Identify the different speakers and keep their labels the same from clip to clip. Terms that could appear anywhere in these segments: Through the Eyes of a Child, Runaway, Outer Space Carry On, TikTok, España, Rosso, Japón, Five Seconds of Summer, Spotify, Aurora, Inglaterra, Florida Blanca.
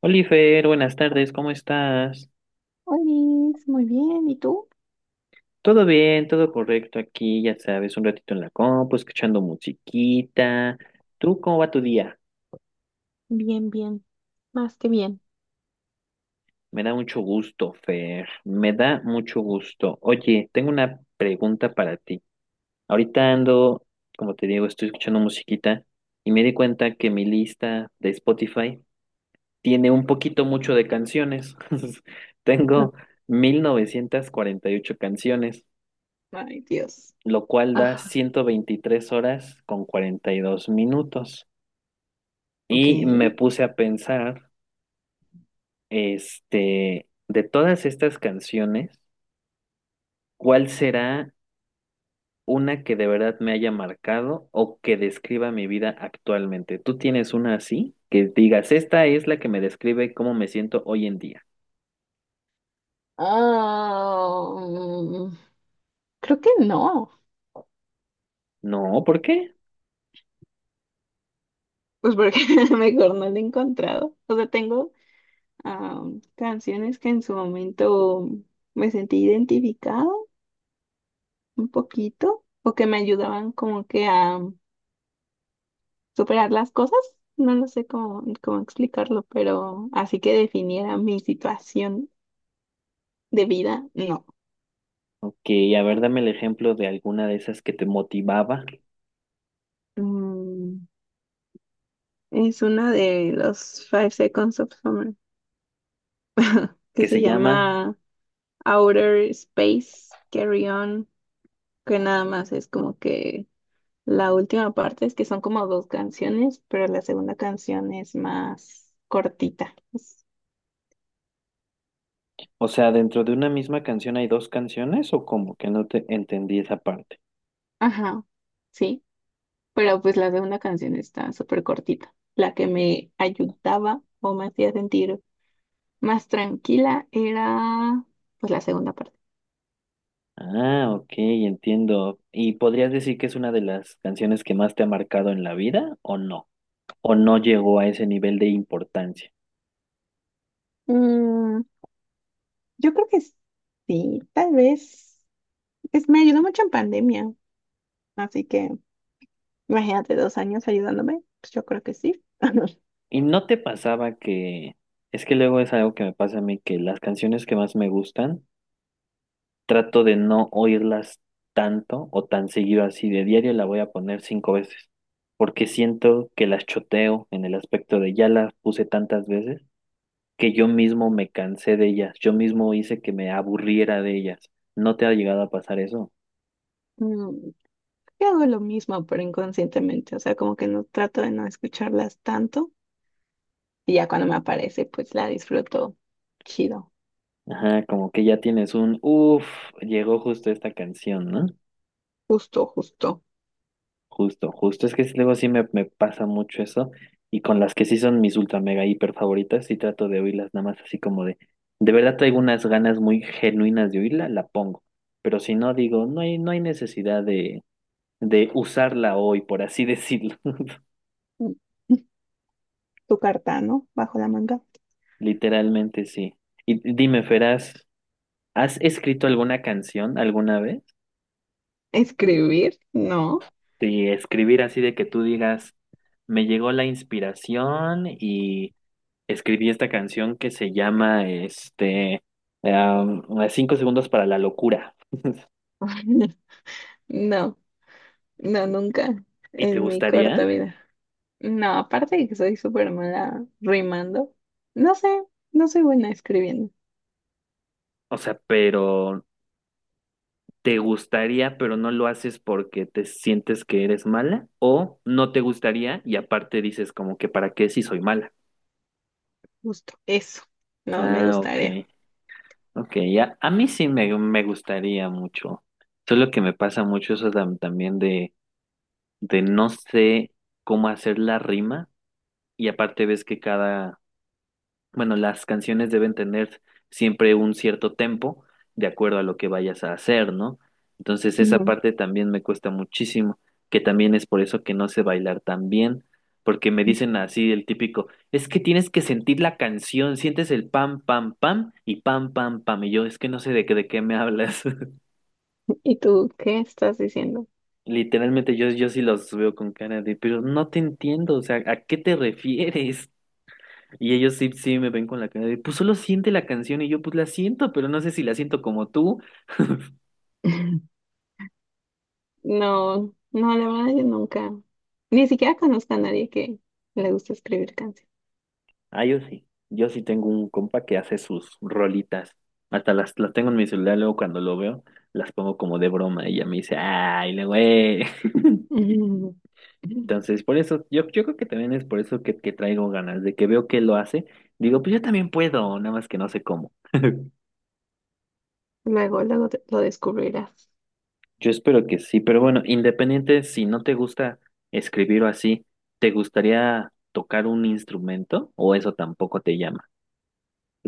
Speaker 1: Oliver, buenas tardes, ¿cómo estás?
Speaker 2: Olis, muy bien. ¿Y tú?
Speaker 1: Todo bien, todo correcto aquí, ya sabes, un ratito en la compu, escuchando musiquita. ¿Tú cómo va tu día?
Speaker 2: Bien, bien. Más que bien.
Speaker 1: Me da mucho gusto, Fer, me da mucho gusto. Oye, tengo una pregunta para ti. Ahorita ando, como te digo, estoy escuchando musiquita y me di cuenta que mi lista de Spotify tiene un poquito mucho de canciones. Tengo 1948 canciones.
Speaker 2: Ay, Dios.
Speaker 1: Lo cual da
Speaker 2: Ah,
Speaker 1: 123 horas con 42 minutos.
Speaker 2: Ok.
Speaker 1: Y me puse a pensar, de todas estas canciones, ¿cuál será una que de verdad me haya marcado o que describa mi vida actualmente? ¿Tú tienes una así? Que digas, esta es la que me describe cómo me siento hoy en día.
Speaker 2: Ah, creo que no.
Speaker 1: No, ¿por qué?
Speaker 2: Pues porque mejor no lo he encontrado. O sea, tengo canciones que en su momento me sentí identificado un poquito o que me ayudaban como que a superar las cosas. No lo sé cómo explicarlo, pero así que definiera mi situación de vida, no.
Speaker 1: Ok, a ver, dame el ejemplo de alguna de esas que te motivaba,
Speaker 2: Mm, es una de los Five Seconds of Summer que
Speaker 1: que
Speaker 2: se
Speaker 1: se llama.
Speaker 2: llama Outer Space Carry On, que nada más es como que la última parte es que son como dos canciones, pero la segunda canción es más cortita.
Speaker 1: O sea, dentro de una misma canción hay dos canciones o como que no te entendí esa parte.
Speaker 2: Ajá, sí, pero pues la segunda canción está súper cortita. La que me ayudaba o me hacía sentir más tranquila era pues la segunda parte.
Speaker 1: Ah, ok, entiendo. ¿Y podrías decir que es una de las canciones que más te ha marcado en la vida o no? ¿O no llegó a ese nivel de importancia?
Speaker 2: Yo creo que sí, tal vez. Es, me ayudó mucho en pandemia, así que imagínate 2 años ayudándome, pues yo creo que sí.
Speaker 1: ¿Y no te pasaba que... es que luego es algo que me pasa a mí, que las canciones que más me gustan, trato de no oírlas tanto o tan seguido así? De diario la voy a poner cinco veces, porque siento que las choteo en el aspecto de ya las puse tantas veces que yo mismo me cansé de ellas, yo mismo hice que me aburriera de ellas. ¿No te ha llegado a pasar eso?
Speaker 2: Mm, Yo hago lo mismo, pero inconscientemente, o sea, como que no trato de no escucharlas tanto y ya cuando me aparece, pues la disfruto chido,
Speaker 1: Ajá, como que ya tienes un, uff, llegó justo esta canción, ¿no?
Speaker 2: justo, justo.
Speaker 1: Justo, justo, es que sí, luego sí me pasa mucho eso, y con las que sí son mis ultra mega hiper favoritas, sí trato de oírlas nada más así como de verdad traigo unas ganas muy genuinas de oírla, la pongo, pero si no digo, no hay necesidad de usarla hoy, por así decirlo.
Speaker 2: Mm. Tu carta, ¿no? Bajo la manga.
Speaker 1: Literalmente sí. Y dime, Feraz. ¿Has escrito alguna canción alguna vez?
Speaker 2: ¿Escribir? No.
Speaker 1: De escribir así de que tú digas, me llegó la inspiración y escribí esta canción que se llama, am, Cinco segundos para la locura.
Speaker 2: No, no, nunca
Speaker 1: ¿Y te
Speaker 2: en mi corta
Speaker 1: gustaría?
Speaker 2: vida. No, aparte de que soy súper mala rimando, no sé, no soy buena escribiendo.
Speaker 1: O sea, pero te gustaría, pero no lo haces porque te sientes que eres mala, ¿o no te gustaría y aparte dices como que para qué si soy mala?
Speaker 2: Justo eso, no me
Speaker 1: Ah, ok.
Speaker 2: gustaría.
Speaker 1: Ok, ya. A mí sí me gustaría mucho. Solo que me pasa mucho eso también de no sé cómo hacer la rima. Y aparte ves que cada, bueno, las canciones deben tener siempre un cierto tempo de acuerdo a lo que vayas a hacer, ¿no? Entonces esa
Speaker 2: Ujú.
Speaker 1: parte también me cuesta muchísimo, que también es por eso que no sé bailar tan bien, porque me dicen así el típico, es que tienes que sentir la canción, sientes el pam, pam, pam y pam, pam, pam, y yo es que no sé de qué me hablas.
Speaker 2: ¿Y tú qué estás diciendo?
Speaker 1: Literalmente yo sí los veo con cara de, pero no te entiendo, o sea, ¿a qué te refieres? Y ellos sí me ven con la cara de, pues solo siente la canción, y yo pues la siento, pero no sé si la siento como tú.
Speaker 2: No, no, la verdad yo nunca, ni siquiera conozco a nadie que le guste escribir canciones.
Speaker 1: Ah, yo sí tengo un compa que hace sus rolitas. Hasta las tengo en mi celular, luego cuando lo veo, las pongo como de broma y ella me dice, ay, le güey.
Speaker 2: Ujú.
Speaker 1: Entonces, por eso, yo creo que también es por eso que traigo ganas, de que veo que lo hace, digo, pues yo también puedo, nada más que no sé cómo.
Speaker 2: Luego, luego lo descubrirás.
Speaker 1: Yo espero que sí, pero bueno, independiente si no te gusta escribir o así, ¿te gustaría tocar un instrumento o eso tampoco te llama?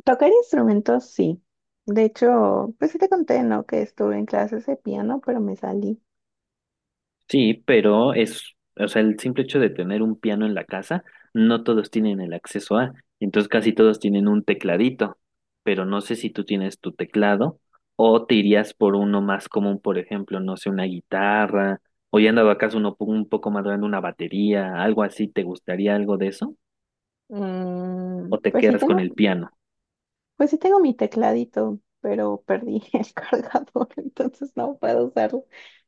Speaker 2: Tocar instrumentos, sí. De hecho, pues sí te conté, ¿no? Que estuve en clases de piano, pero me salí.
Speaker 1: Sí, pero es, o sea, el simple hecho de tener un piano en la casa, no todos tienen el acceso a, entonces casi todos tienen un tecladito, pero no sé si tú tienes tu teclado o te irías por uno más común, por ejemplo, no sé, una guitarra, o ya andaba acaso uno un poco más grande, una batería, algo así. ¿Te gustaría algo de eso?
Speaker 2: Mm,
Speaker 1: ¿O te
Speaker 2: pues sí
Speaker 1: quedas con
Speaker 2: tengo
Speaker 1: el piano?
Speaker 2: Pues sí tengo mi tecladito, pero perdí el cargador, entonces no puedo usarlo.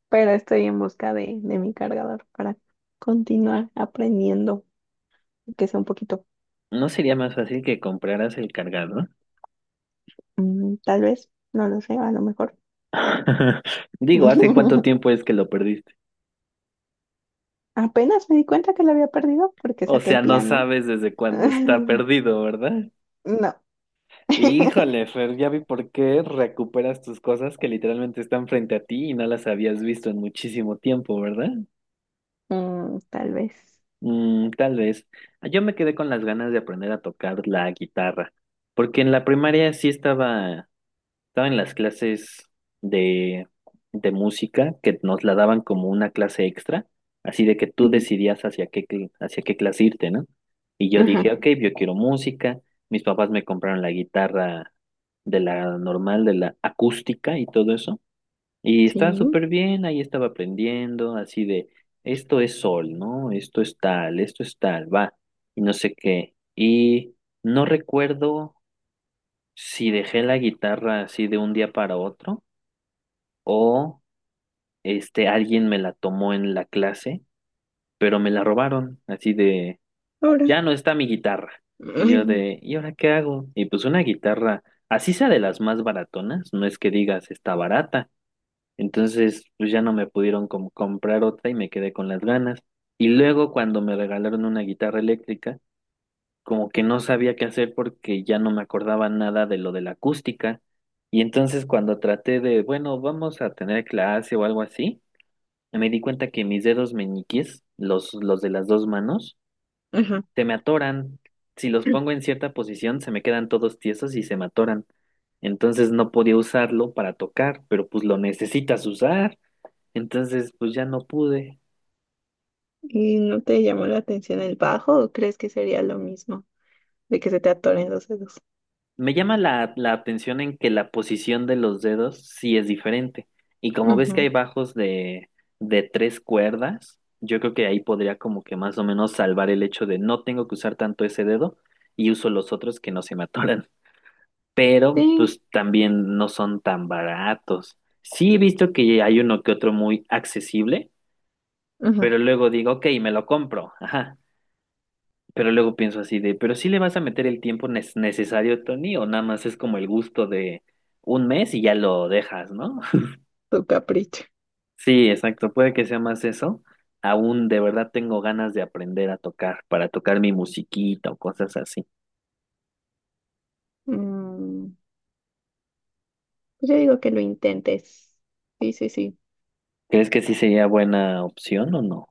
Speaker 2: Pero estoy en busca de mi cargador para continuar aprendiendo, que sea un poquito,
Speaker 1: ¿No sería más fácil que compraras el cargador?
Speaker 2: tal vez, no lo sé, a lo mejor.
Speaker 1: Digo, ¿hace cuánto tiempo es que lo perdiste?
Speaker 2: Apenas me di cuenta que lo había perdido porque
Speaker 1: O
Speaker 2: saqué el
Speaker 1: sea, no
Speaker 2: piano.
Speaker 1: sabes desde cuándo está perdido, ¿verdad?
Speaker 2: No.
Speaker 1: Híjole, Fer, ya vi por qué recuperas tus cosas que literalmente están frente a ti y no las habías visto en muchísimo tiempo, ¿verdad?
Speaker 2: Mm, tal vez.
Speaker 1: Mm, tal vez. Yo me quedé con las ganas de aprender a tocar la guitarra, porque en la primaria sí estaba en las clases de, de música, que nos la daban como una clase extra, así de que tú decidías hacia qué, hacia qué clase irte, ¿no? Y yo dije,
Speaker 2: Ajá,
Speaker 1: ok, yo quiero música. Mis papás me compraron la guitarra, de la normal, de la acústica y todo eso, y estaba
Speaker 2: sí.
Speaker 1: súper bien, ahí estaba aprendiendo, así de, esto es sol, ¿no? Esto es tal, va, y no sé qué, y no recuerdo si dejé la guitarra así de un día para otro o alguien me la tomó en la clase, pero me la robaron, así de
Speaker 2: Ahora.
Speaker 1: ya no está mi guitarra. Y yo
Speaker 2: Ay,
Speaker 1: de, ¿y ahora qué hago? Y pues una guitarra, así sea de las más baratonas, no es que digas está barata. Entonces, pues ya no me pudieron como comprar otra y me quedé con las ganas. Y luego cuando me regalaron una guitarra eléctrica, como que no sabía qué hacer porque ya no me acordaba nada de lo de la acústica. Y entonces cuando traté de, bueno, vamos a tener clase o algo así, me di cuenta que mis dedos meñiques, los de las dos manos,
Speaker 2: Ajá.
Speaker 1: se me atoran. Si los pongo en cierta posición, se me quedan todos tiesos y se me atoran. Entonces no podía usarlo para tocar, pero pues lo necesitas usar. Entonces pues ya no pude.
Speaker 2: ¿Y no te llamó la atención el bajo o crees que sería lo mismo? De que se te atoren los dedos.
Speaker 1: Me llama la atención en que la posición de los dedos sí es diferente. Y como ves que hay
Speaker 2: Ujú,
Speaker 1: bajos de tres cuerdas, yo creo que ahí podría como que más o menos salvar el hecho de no tengo que usar tanto ese dedo y uso los otros que no se me atoran. Pero
Speaker 2: sí,
Speaker 1: pues también no son tan baratos. Sí he visto que hay uno que otro muy accesible,
Speaker 2: ujú,
Speaker 1: pero luego digo, ok, me lo compro. Ajá. Pero luego pienso así de, ¿pero sí le vas a meter el tiempo necesario, Tony? ¿O nada más es como el gusto de un mes y ya lo dejas, ¿no?
Speaker 2: tu capricho.
Speaker 1: Sí, exacto, puede que sea más eso. Aún de verdad tengo ganas de aprender a tocar, para tocar mi musiquita o cosas así.
Speaker 2: Mm, pues yo digo que lo intentes. Sí, sí, sí.
Speaker 1: ¿Crees que sí sería buena opción o no?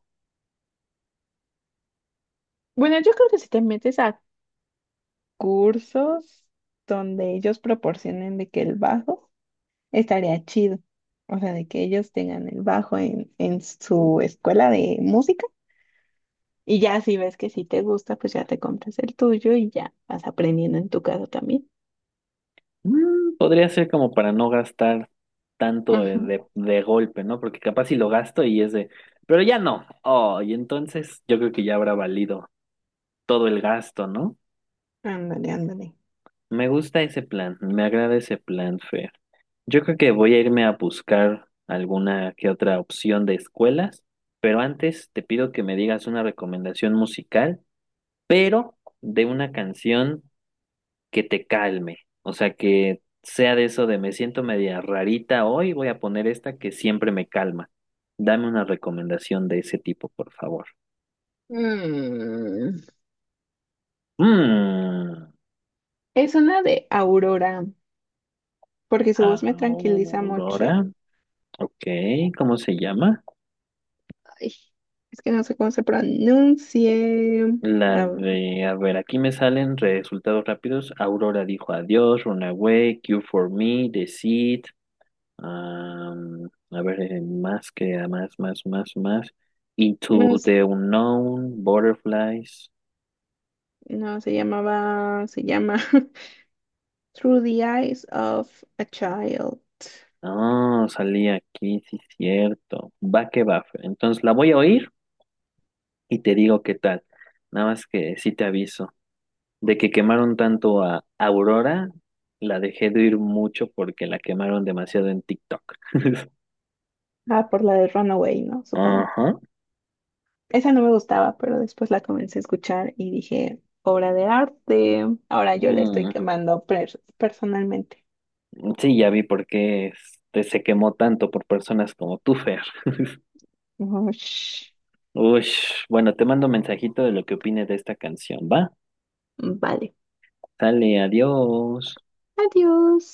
Speaker 2: Bueno, yo creo que si te metes a cursos donde ellos proporcionen de que el bajo estaría chido. O sea, de que ellos tengan el bajo en su escuela de música. Y ya si ves que si te gusta, pues ya te compras el tuyo y ya vas aprendiendo en tu casa también.
Speaker 1: Mm, podría ser como para no gastar tanto de,
Speaker 2: Ujú.
Speaker 1: de golpe, ¿no? Porque capaz si lo gasto y es de, pero ya no. Oh, y entonces yo creo que ya habrá valido todo el gasto, ¿no?
Speaker 2: Ándale, ándale.
Speaker 1: Me gusta ese plan, me agrada ese plan, Fer. Yo creo que voy a irme a buscar alguna que otra opción de escuelas, pero antes te pido que me digas una recomendación musical, pero de una canción que te calme, o sea, que sea de eso de me siento media rarita hoy, voy a poner esta que siempre me calma. Dame una recomendación de ese tipo, por favor.
Speaker 2: Mm.
Speaker 1: Mm,
Speaker 2: Es una de Aurora, porque su voz me tranquiliza mucho.
Speaker 1: Aurora, ok, ¿cómo se llama?
Speaker 2: Ay, es que no sé cómo se pronuncie.
Speaker 1: La
Speaker 2: Ah,
Speaker 1: de, a ver, aquí me salen resultados rápidos. Aurora dijo adiós, Runaway, Q for Me, The Seed. A ver, más que más, más, más, más.
Speaker 2: no,
Speaker 1: Into the Unknown, Butterflies.
Speaker 2: no, se llama Through the Eyes of a Child.
Speaker 1: Ah, salí aquí, sí, cierto. Va que va. Fer. Entonces la voy a oír y te digo qué tal. Nada más que sí te aviso. De que quemaron tanto a Aurora, la dejé de oír mucho porque la quemaron demasiado en TikTok.
Speaker 2: Ah, por la de Runaway, ¿no? Supongo.
Speaker 1: Ajá.
Speaker 2: Esa no me gustaba, pero después la comencé a escuchar y dije, obra de arte. Ahora yo le estoy
Speaker 1: Mm,
Speaker 2: quemando personalmente.
Speaker 1: Sí, ya vi por qué se quemó tanto por personas como tú, Fer.
Speaker 2: Ush.
Speaker 1: Uy, bueno, te mando un mensajito de lo que opines de esta canción, ¿va?
Speaker 2: Vale.
Speaker 1: Sale, adiós.
Speaker 2: Adiós.